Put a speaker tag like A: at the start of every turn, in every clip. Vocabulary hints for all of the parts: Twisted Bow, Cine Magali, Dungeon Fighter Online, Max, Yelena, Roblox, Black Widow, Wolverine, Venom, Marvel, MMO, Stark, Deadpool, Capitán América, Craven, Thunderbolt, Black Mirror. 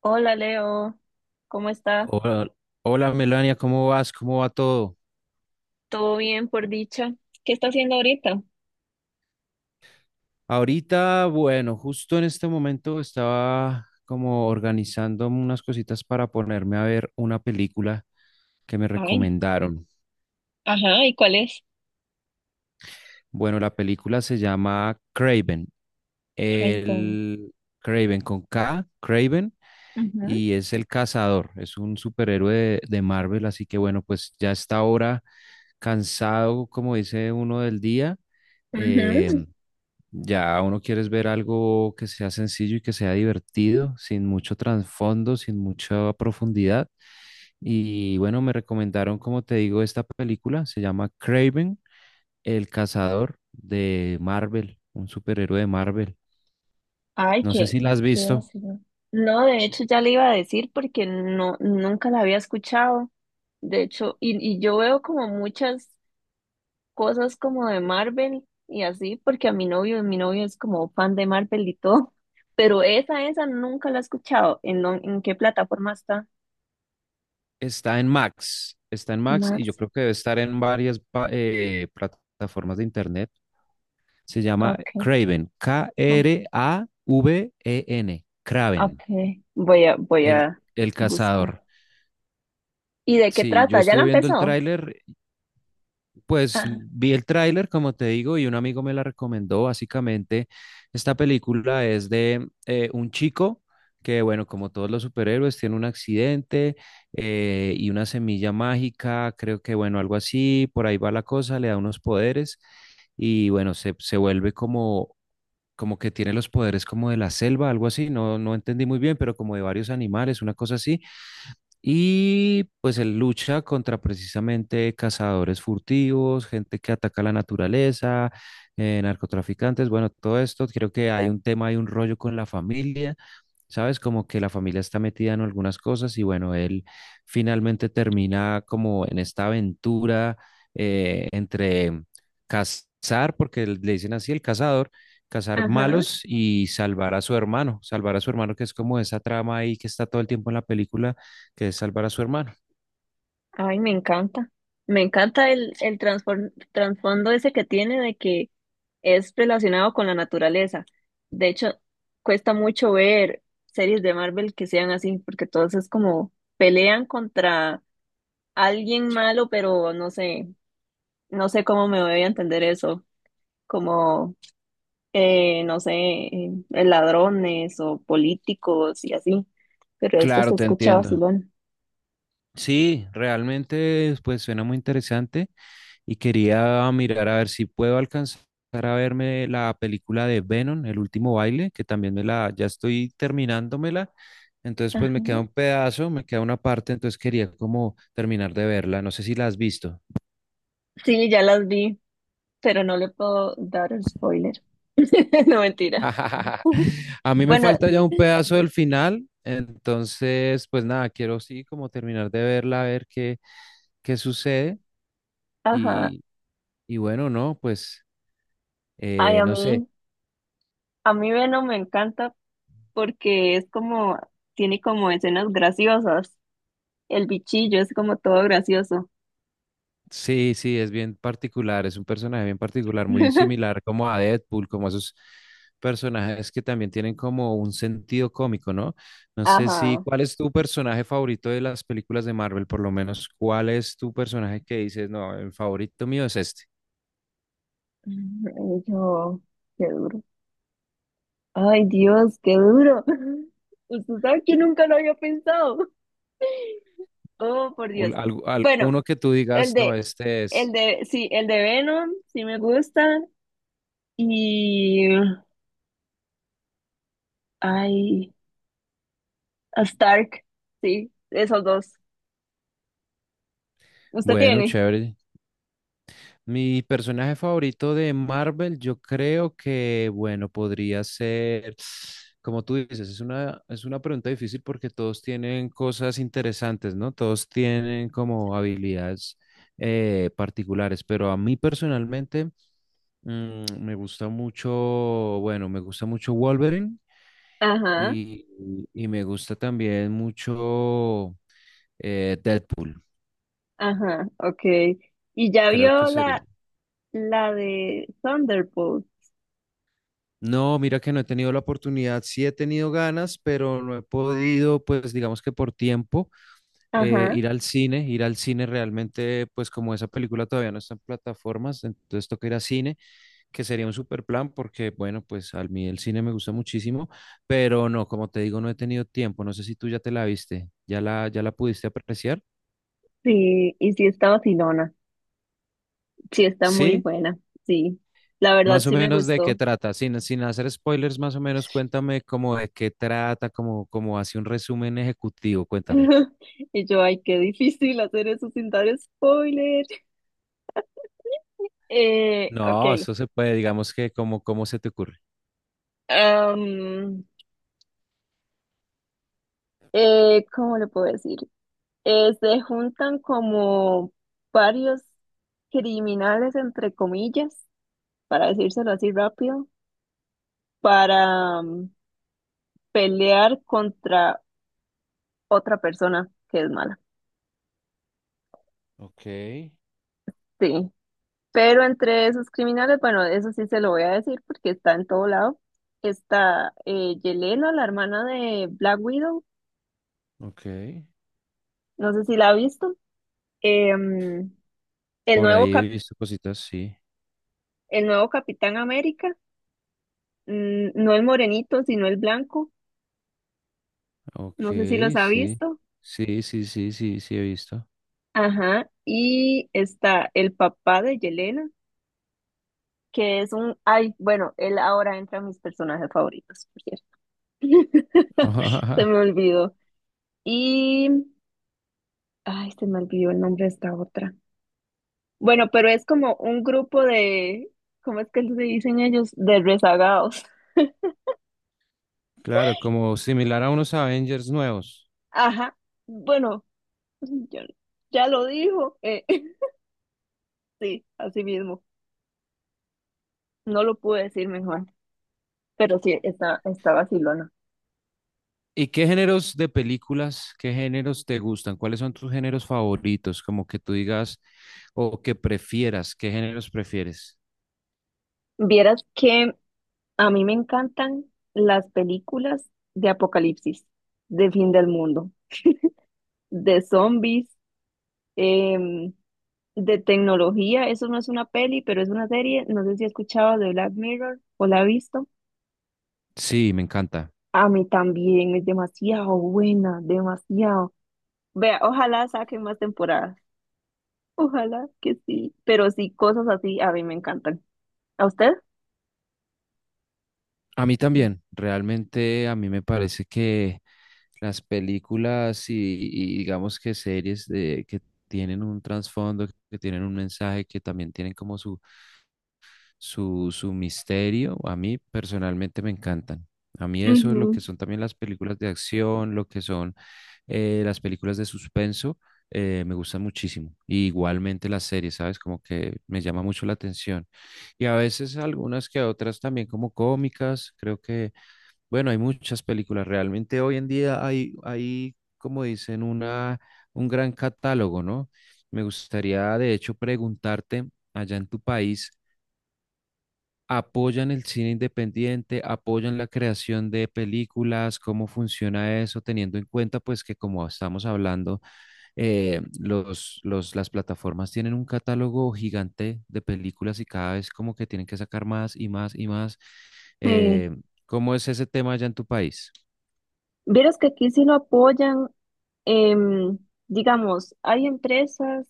A: Hola Leo, ¿cómo está?
B: Hola, hola Melania, ¿cómo vas? ¿Cómo va todo?
A: ¿Todo bien por dicha? ¿Qué está haciendo ahorita?
B: Ahorita, bueno, justo en este momento estaba como organizando unas cositas para ponerme a ver una película que me
A: Ay,
B: recomendaron.
A: ajá, ¿y cuál es?
B: Bueno, la película se llama Craven,
A: Craven.
B: el Craven con K, Craven,
A: Ujú,
B: y es el cazador, es un superhéroe de Marvel, así que bueno, pues ya está ahora cansado, como dice uno del día.
A: ujú.
B: em, Ya uno quiere es ver algo que sea sencillo y que sea divertido, sin mucho trasfondo, sin mucha profundidad. Y bueno, me recomendaron, como te digo, esta película. Se llama Craven, el cazador de Marvel, un superhéroe de Marvel.
A: Ay,
B: No sé
A: qué,
B: si la has
A: qué
B: visto.
A: ácido. No, de hecho ya le iba a decir porque no, nunca la había escuchado. De hecho, y yo veo como muchas cosas como de Marvel y así, porque a mi novio es como fan de Marvel y todo, pero esa nunca la he escuchado. ¿En qué plataforma está?
B: Está en Max y yo
A: Max,
B: creo que debe estar en varias plataformas de internet. Se llama
A: ok.
B: Craven, Kraven,
A: Ah,
B: Craven,
A: okay, voy
B: el,
A: a
B: el
A: buscar.
B: cazador.
A: ¿Y de qué
B: Sí, yo
A: trata? ¿Ya la
B: estuve viendo el
A: empezó?
B: tráiler, pues
A: Ah,
B: vi el tráiler, como te digo, y un amigo me la recomendó. Básicamente, esta película es de un chico que, bueno, como todos los superhéroes, tiene un accidente y una semilla mágica, creo que, bueno, algo así, por ahí va la cosa, le da unos poderes y, bueno, se vuelve como, como que tiene los poderes como de la selva, algo así, no, no entendí muy bien, pero como de varios animales, una cosa así y pues él lucha contra precisamente cazadores furtivos, gente que ataca la naturaleza, narcotraficantes, bueno, todo esto. Creo que hay un tema, hay un rollo con la familia. ¿Sabes? Como que la familia está metida en algunas cosas y bueno, él finalmente termina como en esta aventura entre cazar, porque él- le dicen así, el cazador, cazar
A: ajá.
B: malos y salvar a su hermano, salvar a su hermano, que es como esa trama ahí que está todo el tiempo en la película, que es salvar a su hermano.
A: Ay, me encanta. Me encanta el trasfondo ese que tiene de que es relacionado con la naturaleza. De hecho, cuesta mucho ver series de Marvel que sean así, porque todos es como pelean contra alguien malo, pero no sé, no sé cómo me voy a entender eso. Como no sé, ladrones o políticos y así. Pero esto
B: Claro,
A: se
B: te
A: escucha
B: entiendo.
A: vacilón.
B: Sí, realmente pues suena muy interesante y quería mirar a ver si puedo alcanzar a verme la película de Venom, El último baile, que también me la ya estoy terminándomela. Entonces pues
A: Ajá.
B: me queda un pedazo, me queda una parte, entonces quería como terminar de verla. No sé si la has visto.
A: Sí, ya las vi, pero no le puedo dar el spoiler. No, mentira.
B: A mí me
A: Bueno,
B: falta ya un pedazo del final, entonces pues nada, quiero sí como terminar de verla, a ver qué sucede
A: ajá.
B: y bueno, no, pues
A: Ay, a
B: no sé.
A: mí, a mí Venom me encanta porque es como, tiene como escenas graciosas. El bichillo es como todo gracioso.
B: Sí, sí, es bien particular, es un personaje bien particular, muy similar como a Deadpool, como a esos personajes que también tienen como un sentido cómico, ¿no? No sé si,
A: Ajá.
B: ¿cuál es tu personaje favorito de las películas de Marvel? Por lo menos, ¿cuál es tu personaje que dices, no, el favorito mío es este?
A: Ay, yo, qué duro. Ay, Dios, qué duro. Usted sabe que nunca lo había pensado. Oh, por Dios. Bueno,
B: Uno que tú
A: el
B: digas, no,
A: de,
B: este
A: el
B: es
A: de, sí, el de Venom, sí me gusta. Y, ay, a Stark, sí, esos dos. ¿Usted
B: bueno,
A: tiene?
B: chévere. Mi personaje favorito de Marvel, yo creo que, bueno, podría ser, como tú dices, es una pregunta difícil porque todos tienen cosas interesantes, ¿no? Todos tienen como habilidades particulares, pero a mí personalmente me gusta mucho, bueno, me gusta mucho Wolverine
A: Ajá,
B: y, y me gusta también mucho Deadpool,
A: ajá, ok. ¿Y ya
B: creo que
A: vio
B: sería.
A: la de Thunderbolt?
B: No, mira que no he tenido la oportunidad, sí he tenido ganas, pero no he podido, pues digamos que por tiempo,
A: Ajá,
B: ir al cine realmente, pues como esa película todavía no está en plataformas, entonces toca ir a cine, que sería un super plan, porque bueno, pues a mí el cine me gusta muchísimo, pero no, como te digo, no he tenido tiempo, no sé si tú ya te la viste, ya la, ya la pudiste apreciar,
A: sí, y sí está vacilona. Sí está muy
B: ¿sí?
A: buena, sí. La verdad
B: Más o
A: sí me
B: menos de qué
A: gustó.
B: trata, sin, sin hacer spoilers, más o menos cuéntame como de qué trata, como, como hace un resumen ejecutivo, cuéntame.
A: Y yo, ay, qué difícil hacer eso sin dar spoiler.
B: No,
A: Ok.
B: eso se puede, digamos que como, ¿cómo se te ocurre?
A: Am, ¿Cómo le puedo decir? Se juntan como varios criminales, entre comillas, para decírselo así rápido, para pelear contra otra persona que es mala.
B: Ok,
A: Sí. Pero entre esos criminales, bueno, eso sí se lo voy a decir porque está en todo lado. Está Yelena, la hermana de Black Widow,
B: ok.
A: no sé si la ha visto. Em, el
B: Por
A: nuevo
B: ahí he
A: cap-
B: visto cositas, sí.
A: el nuevo Capitán América, mm, no el morenito, sino el blanco,
B: Ok,
A: no sé si los ha
B: sí.
A: visto.
B: Sí, sí, sí, sí, sí he visto.
A: Ajá, y está el papá de Yelena, que es un, ay, bueno, él ahora entra a mis personajes favoritos, por cierto. Se me olvidó. Y, ay, se me olvidó el nombre de esta otra. Bueno, pero es como un grupo de, ¿cómo es que se dicen ellos? De rezagados.
B: Claro, como similar a unos Avengers nuevos.
A: Ajá, bueno. Ya, ya lo dijo. Sí, así mismo. No lo pude decir mejor, pero sí, está vacilona.
B: ¿Y qué géneros de películas, qué géneros te gustan? ¿Cuáles son tus géneros favoritos? Como que tú digas o que prefieras, ¿qué géneros prefieres?
A: Vieras que a mí me encantan las películas de apocalipsis, de fin del mundo, de zombies, em, de tecnología. Eso no es una peli, pero es una serie. No sé si has escuchado de Black Mirror o la has visto.
B: Sí, me encanta.
A: A mí también es demasiado buena, demasiado. Vea, ojalá saquen más temporadas. Ojalá que sí, pero sí, cosas así a mí me encantan. ¿A usted?
B: A mí también, realmente a mí me parece que las películas y digamos que series de, que tienen un trasfondo, que tienen un mensaje, que también tienen como su, su misterio, a mí personalmente me encantan. A mí eso es lo
A: Ujú,
B: que son también las películas de acción, lo que son las películas de suspenso, me gustan muchísimo. Y igualmente las series, ¿sabes? Como que me llama mucho la atención. Y a veces algunas que otras también como cómicas, creo que... Bueno, hay muchas películas. Realmente hoy en día hay, como dicen, una, un gran catálogo, ¿no? Me gustaría, de hecho, preguntarte, allá en tu país, ¿apoyan el cine independiente? ¿Apoyan la creación de películas? ¿Cómo funciona eso? Teniendo en cuenta, pues, que como estamos hablando, las plataformas tienen un catálogo gigante de películas y cada vez como que tienen que sacar más y más y más.
A: sí.
B: Eh, ¿Cómo es ese tema allá en tu país?
A: Vieras que aquí sí lo apoyan, em, digamos, hay empresas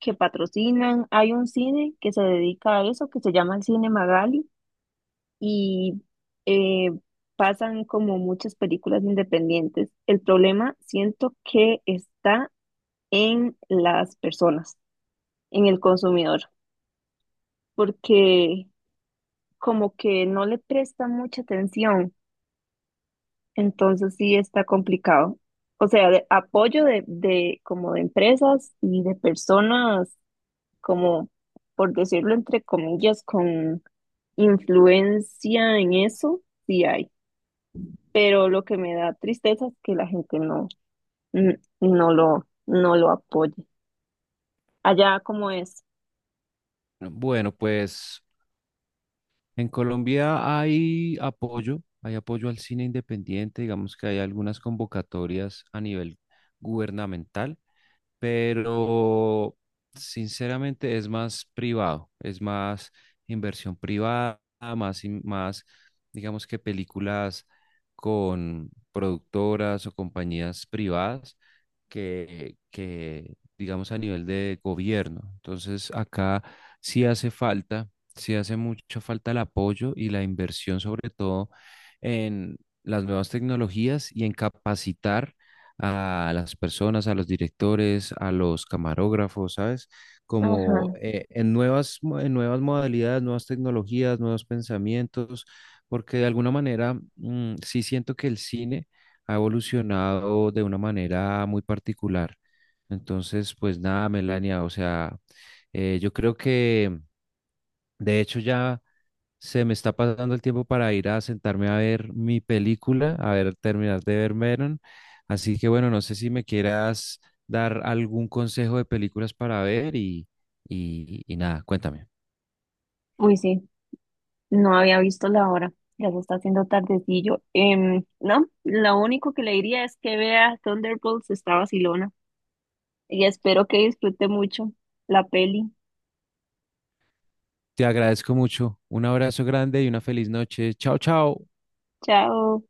A: que patrocinan, hay un cine que se dedica a eso, que se llama el Cine Magali, y eh, pasan como muchas películas independientes. El problema siento que está en las personas, en el consumidor, porque como que no le presta mucha atención. Entonces sí está complicado. O sea, de- apoyo de como de empresas y de personas como, por decirlo entre comillas, con influencia en eso, sí hay. Pero lo que me da tristeza es que la gente no, no lo apoye. Allá como es.
B: Bueno, pues en Colombia hay apoyo al cine independiente, digamos que hay algunas convocatorias a nivel gubernamental, pero sinceramente es más privado, es más inversión privada, más digamos que películas con productoras o compañías privadas que, digamos, a nivel de gobierno. Entonces, acá sí hace falta, sí hace mucha falta el apoyo y la inversión, sobre todo en las nuevas tecnologías y en capacitar a las personas, a los directores, a los camarógrafos, ¿sabes? Como
A: Ajá.
B: en nuevas modalidades, nuevas tecnologías, nuevos pensamientos, porque de alguna manera sí siento que el cine ha evolucionado de una manera muy particular. Entonces, pues nada, Melania, o sea, yo creo que de hecho ya se me está pasando el tiempo para ir a sentarme a ver mi película, a ver, terminar de ver Meron. Así que bueno, no sé si me quieras dar algún consejo de películas para ver y, y nada, cuéntame.
A: Uy, sí, no había visto la hora. Ya se está haciendo tardecillo. Em, no, lo único que le diría es que vea Thunderbolts, está vacilona, y espero que disfrute mucho la peli.
B: Te agradezco mucho. Un abrazo grande y una feliz noche. Chao, chao.
A: Chao.